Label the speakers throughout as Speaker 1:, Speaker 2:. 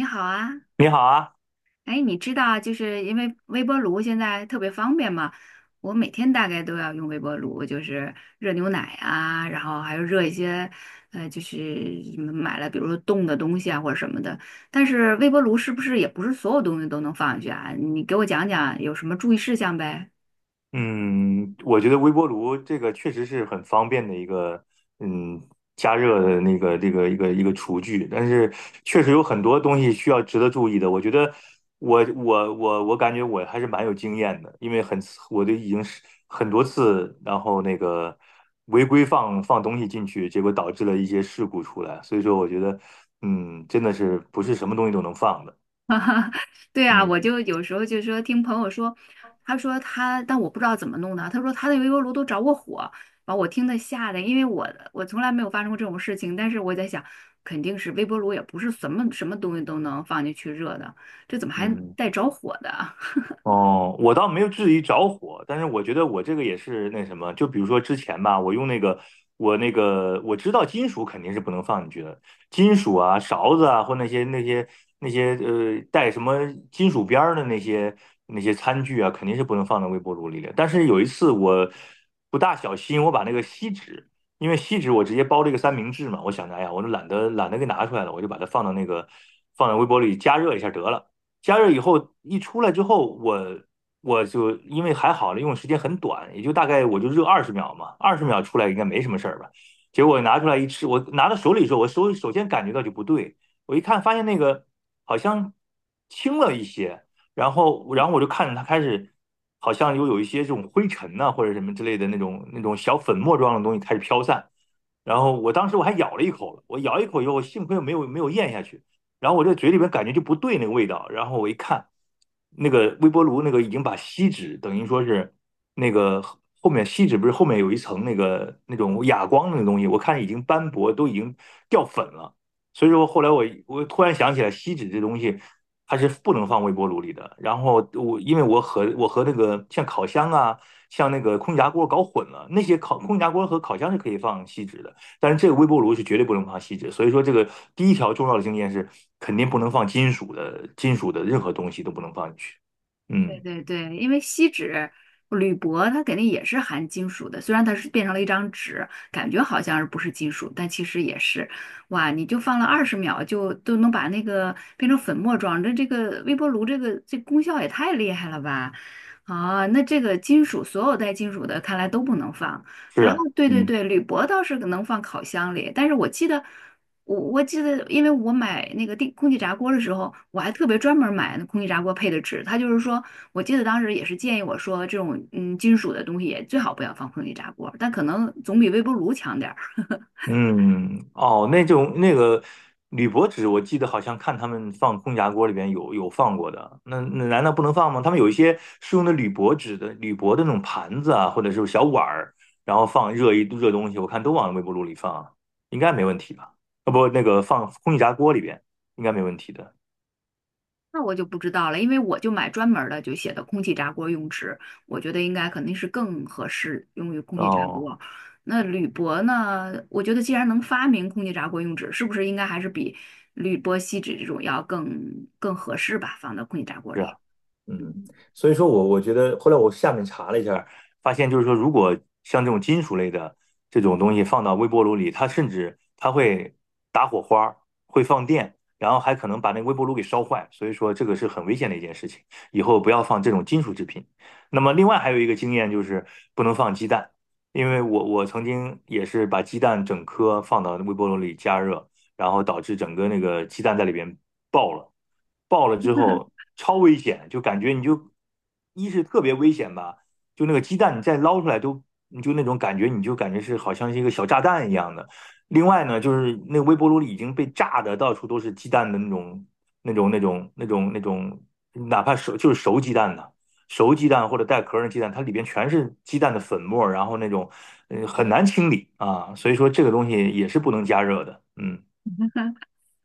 Speaker 1: 你好啊，
Speaker 2: 你好啊，
Speaker 1: 哎，你知道，就是因为微波炉现在特别方便嘛，我每天大概都要用微波炉，就是热牛奶啊，然后还有热一些，就是什么买了，比如说冻的东西啊或者什么的。但是微波炉是不是也不是所有东西都能放进去啊？你给我讲讲有什么注意事项呗？
Speaker 2: 嗯，我觉得微波炉这个确实是很方便的一个，嗯，加热的一个厨具，但是确实有很多东西需要值得注意的。我觉得我感觉我还是蛮有经验的，因为很我都已经是很多次，然后违规放东西进去，结果导致了一些事故出来。所以说，我觉得，真的是不是什么东西都能放的。
Speaker 1: 哈哈，对啊，我
Speaker 2: 嗯
Speaker 1: 就有时候就说听朋友说，他说他，但我不知道怎么弄的。他说他的微波炉都着过火，把我听的吓的，因为我从来没有发生过这种事情。但是我在想，肯定是微波炉也不是什么什么东西都能放进去热的，这怎么还
Speaker 2: 嗯。
Speaker 1: 带着火的？
Speaker 2: 哦，我倒没有质疑着火，但是我觉得我这个也是那什么，就比如说之前吧，我用那个，我那个我知道金属肯定是不能放进去的，金属啊、勺子啊或那些带什么金属边儿的那些餐具啊，肯定是不能放到微波炉里的。但是有一次我不大小心，我把那个锡纸，因为锡纸我直接包了一个三明治嘛，我想着哎呀，我就懒得给拿出来了，我就把它放到那个放在微波炉里加热一下得了。加热以后一出来之后，我就因为还好了，用的时间很短，也就大概我就热二十秒嘛，二十秒出来应该没什么事儿吧。结果拿出来一吃，我拿到手里的时候，我首先感觉到就不对，我一看发现那个好像轻了一些，然后我就看着它开始好像又有一些这种灰尘呐、或者什么之类的那种小粉末状的东西开始飘散，然后我当时我还咬了一口了，我咬一口以后，我幸亏没有咽下去。然后我这嘴里边感觉就不对那个味道，然后我一看，那个微波炉那个已经把锡纸等于说是那个后面锡纸不是后面有一层那个那种哑光那个东西，我看已经斑驳，都已经掉粉了。所以说后来我突然想起来，锡纸这东西它是不能放微波炉里的。然后我因为我和那个像烤箱啊，像那个空气炸锅搞混了，那些烤空气炸锅和烤箱是可以放锡纸的。但是这个微波炉是绝对不能放锡纸，所以说这个第一条重要的经验是肯定不能放金属的，金属的任何东西都不能放进去。
Speaker 1: 对
Speaker 2: 嗯，
Speaker 1: 对对，因为锡纸、铝箔它肯定也是含金属的，虽然它是变成了一张纸，感觉好像是不是金属，但其实也是。哇，你就放了20秒就都能把那个变成粉末状，这个微波炉这个这功效也太厉害了吧！啊，那这个金属所有带金属的看来都不能放。
Speaker 2: 是
Speaker 1: 然后
Speaker 2: 啊。
Speaker 1: 对对
Speaker 2: 嗯
Speaker 1: 对，铝箔倒是能放烤箱里，但是我记得。我记得，因为我买那个电空气炸锅的时候，我还特别专门买那空气炸锅配的纸。它就是说，我记得当时也是建议我说，这种嗯金属的东西也最好不要放空气炸锅，但可能总比微波炉强点儿。
Speaker 2: 嗯。哦，那种那个铝箔纸，我记得好像看他们放空气炸锅里边有放过的，那难道不能放吗？他们有一些是用的铝箔纸的铝箔的那种盘子啊，或者是小碗儿，然后放热一热东西，我看都往微波炉里放，应该没问题吧？啊不，那个放空气炸锅里边应该没问题的。
Speaker 1: 那我就不知道了，因为我就买专门儿的，就写的空气炸锅用纸，我觉得应该肯定是更合适用于空气炸
Speaker 2: 哦，
Speaker 1: 锅。那铝箔呢？我觉得既然能发明空气炸锅用纸，是不是应该还是比铝箔锡纸这种要更更合适吧，放到空气炸锅
Speaker 2: 是啊。
Speaker 1: 里。
Speaker 2: 嗯，所以说我觉得后来我下面查了一下，发现就是说，如果像这种金属类的这种东西放到微波炉里，它甚至它会打火花儿，会放电，然后还可能把那个微波炉给烧坏，所以说这个是很危险的一件事情，以后不要放这种金属制品。那么另外还有一个经验就是不能放鸡蛋，因为我曾经也是把鸡蛋整颗放到微波炉里加热，然后导致整个那个鸡蛋在里边爆了，爆了之后超危险，就感觉你就一是特别危险吧，就那个鸡蛋你再捞出来都，你就那种感觉，你就感觉是好像是一个小炸弹一样的。另外呢，就是那微波炉里已经被炸的到处都是鸡蛋的那种，哪怕熟就是熟鸡蛋的。熟鸡蛋或者带壳儿的鸡蛋，它里边全是鸡蛋的粉末儿然后那种，很难清理啊，所以说这个东西也是不能加热的。嗯。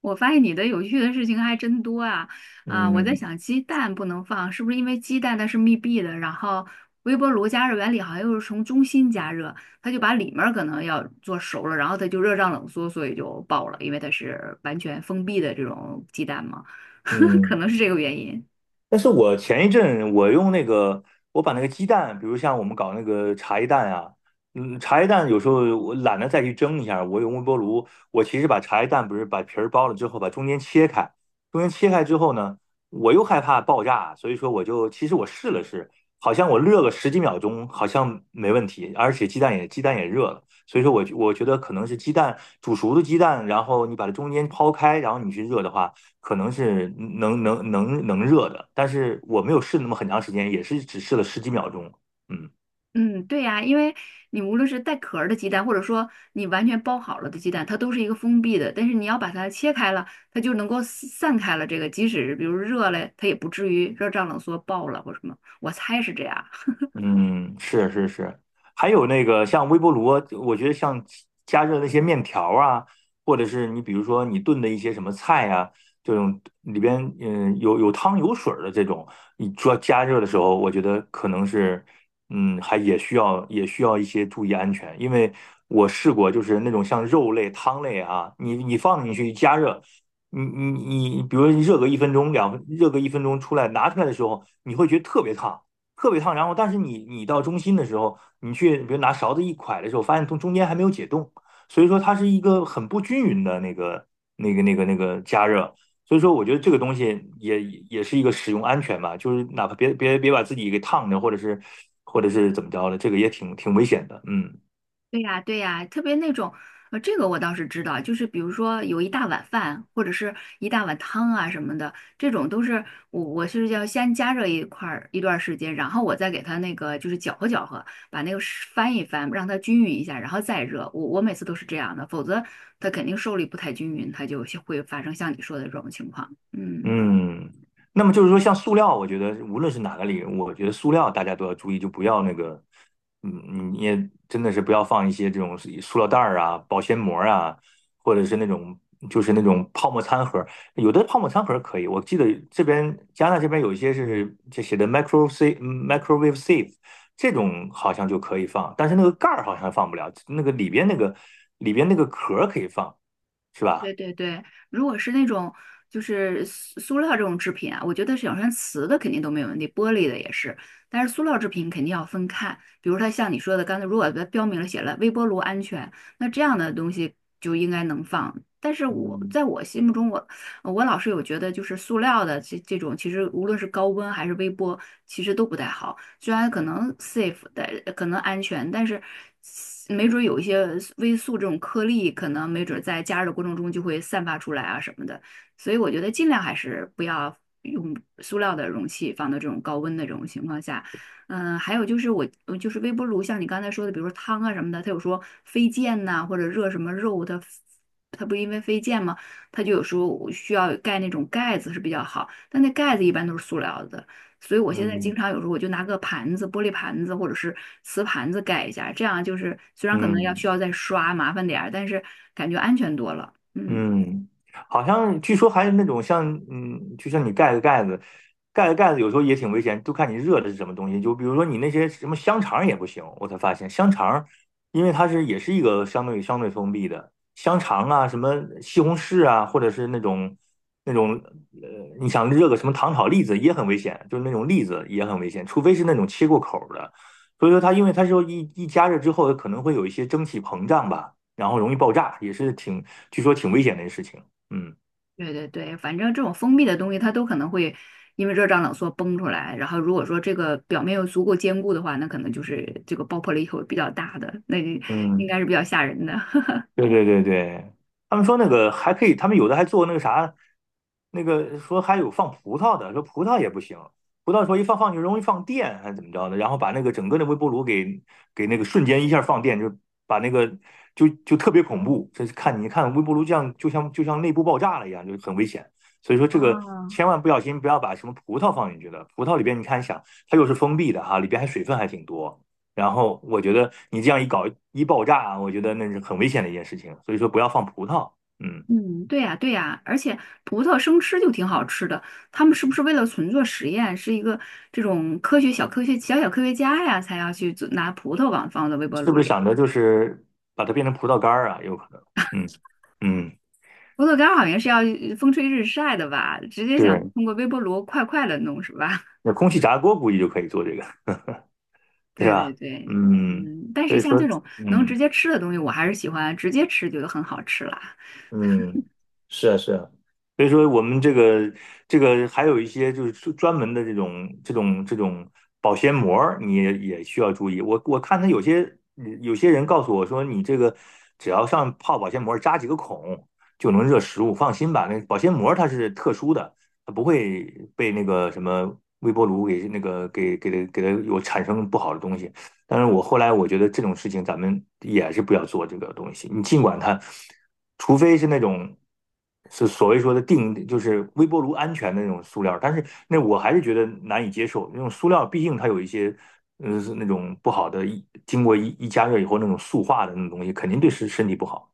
Speaker 1: 我发现你的有趣的事情还真多啊！啊，我在
Speaker 2: 嗯
Speaker 1: 想鸡蛋不能放，是不是因为鸡蛋它是密闭的？然后微波炉加热原理好像又是从中心加热，它就把里面儿可能要做熟了，然后它就热胀冷缩，所以就爆了，因为它是完全封闭的这种鸡蛋嘛，
Speaker 2: 嗯。
Speaker 1: 可能是这个原因。
Speaker 2: 但是我前一阵我用那个，我把那个鸡蛋，比如像我们搞那个茶叶蛋啊，茶叶蛋有时候我懒得再去蒸一下，我用微波炉，我其实把茶叶蛋不是把皮儿剥了之后，把中间切开，中间切开之后呢，我又害怕爆炸，所以说我就其实我试了试，好像我热个十几秒钟，好像没问题，而且鸡蛋也热了，所以说我觉得可能是鸡蛋煮熟的鸡蛋，然后你把它中间抛开，然后你去热的话。可能是能热的，但是我没有试那么很长时间，也是只试了十几秒钟。嗯。
Speaker 1: 嗯，对呀，因为你无论是带壳儿的鸡蛋，或者说你完全包好了的鸡蛋，它都是一个封闭的。但是你要把它切开了，它就能够散散开了。这个即使比如热了，它也不至于热胀冷缩爆了或什么。我猜是这样。
Speaker 2: 嗯，是是是，还有那个像微波炉啊我觉得像加热那些面条啊，或者是你比如说你炖的一些什么菜啊，这种里边有有汤有水儿的这种，你做加热的时候，我觉得可能是还也需要一些注意安全，因为我试过就是那种像肉类汤类啊，你你放进去一加热。你你你，比如说你热个一分钟、两分，热个一分钟出来，拿出来的时候，你会觉得特别烫，特别烫。然后，但是你到中心的时候，你去比如拿勺子一㧟的时候，发现从中间还没有解冻，所以说它是一个很不均匀的那个加热。所以说，我觉得这个东西也也是一个使用安全吧，就是哪怕别把自己给烫着，或者是或者是怎么着的，这个也挺危险的。嗯。
Speaker 1: 对呀，对呀，特别那种，这个我倒是知道，就是比如说有一大碗饭，或者是一大碗汤啊什么的，这种都是我是要先加热一块儿一段儿时间，然后我再给它那个就是搅和搅和，把那个是翻一翻，让它均匀一下，然后再热。我每次都是这样的，否则它肯定受力不太均匀，它就会发生像你说的这种情况。嗯。
Speaker 2: 嗯，那么就是说，像塑料，我觉得无论是哪个领域，我觉得塑料大家都要注意，就不要那个，你也真的是不要放一些这种塑料袋儿啊、保鲜膜啊，或者是那种就是那种泡沫餐盒有的泡沫餐盒可以，我记得这边加拿大这边有一些是这写的 micro safe microwave safe 这种好像就可以放，但是那个盖儿好像放不了，那个里边那个里边那个壳儿可以放，是
Speaker 1: 对
Speaker 2: 吧？
Speaker 1: 对对，如果是那种就是塑料这种制品啊，我觉得是有像瓷的肯定都没有问题，玻璃的也是，但是塑料制品肯定要分看。比如它像你说的，刚才如果它标明了写了微波炉安全，那这样的东西就应该能放。但是我
Speaker 2: 嗯
Speaker 1: 在我心目中，我我老是有觉得，就是塑料的这种，其实无论是高温还是微波，其实都不太好。虽然可能 safe，的可能安全，但是没准儿有一些微塑这种颗粒，可能没准儿在加热的过程中就会散发出来啊什么的。所以我觉得尽量还是不要用塑料的容器放到这种高温的这种情况下。嗯，还有就是我，就是微波炉，像你刚才说的，比如说汤啊什么的，它有说飞溅呐、或者热什么肉，它不因为飞溅吗？它就有时候需要盖那种盖子是比较好，但那盖子一般都是塑料的，所以我现在经
Speaker 2: 嗯
Speaker 1: 常有时候我就拿个盘子，玻璃盘子或者是瓷盘子盖一下，这样就是虽然可能要
Speaker 2: 嗯。
Speaker 1: 需要再刷，麻烦点儿，但是感觉安全多了。嗯，
Speaker 2: 嗯，好像据说还有那种像，就像你盖个盖子，盖个盖子有时候也挺危险，就看你热的是什么东西。就比如说你那些什么香肠也不行，我才发现香肠，因为它是也是一个相对封闭的香肠啊，什么西红柿啊，或者是那种那种呃，你想热个什么糖炒栗子也很危险，就是那种栗子也很危险，除非是那种切过口儿的。所以说它因为它说一加热之后可能会有一些蒸汽膨胀吧。然后容易爆炸，也是挺，据说挺危险的一个事情。嗯
Speaker 1: 对对对，反正这种封闭的东西它都可能会因为热胀冷缩崩出来，然后如果说这个表面又足够坚固的话，那可能就是这个爆破力会比较大的，那应
Speaker 2: 嗯。
Speaker 1: 该是比较吓人的。
Speaker 2: 对对对对，他们说那个还可以，他们有的还做那个啥，那个说还有放葡萄的，说葡萄也不行，葡萄说一放就容易放电还是怎么着的，然后把那个整个的微波炉给给那个瞬间一下放电，就把那个就就特别恐怖，这是看你看微波炉这样就像内部爆炸了一样，就很危险，所以说这个
Speaker 1: 哦，
Speaker 2: 千万不小心不要把什么葡萄放进去的，葡萄里边你看想它又是封闭的哈，里边还水分还挺多。然后我觉得你这样一搞一爆炸啊，我觉得那是很危险的一件事情。所以说不要放葡萄。嗯。
Speaker 1: 嗯，对呀，对呀，而且葡萄生吃就挺好吃的。他们是不是为了纯做实验，是一个这种科学小科学小小科学家呀，才要去做拿葡萄往放到微波
Speaker 2: 是
Speaker 1: 炉
Speaker 2: 不是
Speaker 1: 里？
Speaker 2: 想着就是把它变成葡萄干儿啊？有可能。嗯嗯。
Speaker 1: 葡萄干儿好像是要风吹日晒的吧？直接想
Speaker 2: 是。
Speaker 1: 通过微波炉快快的弄是吧？
Speaker 2: 那空气炸锅估计就可以做这个，对
Speaker 1: 对对
Speaker 2: 吧？
Speaker 1: 对，
Speaker 2: 嗯，
Speaker 1: 嗯，但
Speaker 2: 所
Speaker 1: 是
Speaker 2: 以
Speaker 1: 像这
Speaker 2: 说。
Speaker 1: 种能直
Speaker 2: 嗯。
Speaker 1: 接吃的东西，我还是喜欢直接吃，觉得很好吃啦。
Speaker 2: 嗯，是啊，是啊，所以说，我们这个这个还有一些就是专专门的这种保鲜膜儿你也需要注意。我看他有些有些人告诉我说，你这个只要上泡保鲜膜儿扎几个孔就能热食物，放心吧。那保鲜膜儿它是特殊的，它不会被那个什么微波炉给那个给它给它有产生不好的东西。但是我后来我觉得这种事情咱们也是不要做这个东西。你尽管它，除非是那种是所谓说的定，就是微波炉安全的那种塑料，但是那我还是觉得难以接受。那种塑料毕竟它有一些，是那种不好的，一经过一加热以后那种塑化的那种东西，肯定对身体不好，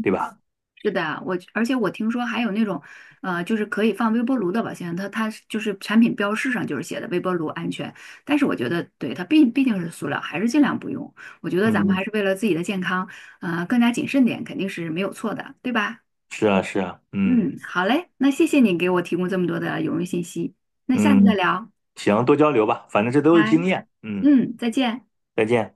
Speaker 2: 对吧？
Speaker 1: 是的，而且我听说还有那种，就是可以放微波炉的保鲜它它就是产品标识上就是写的微波炉安全，但是我觉得对它毕毕竟是塑料，还是尽量不用。我觉得咱们
Speaker 2: 嗯，
Speaker 1: 还是为了自己的健康，更加谨慎点肯定是没有错的，对吧？
Speaker 2: 是啊，是啊。嗯
Speaker 1: 嗯，好嘞，那谢谢你给我提供这么多的有用信息，那下次再
Speaker 2: 嗯。
Speaker 1: 聊，
Speaker 2: 行，多交流吧，反正这都是
Speaker 1: 拜，
Speaker 2: 经验。嗯。
Speaker 1: 嗯，再见。
Speaker 2: 再见。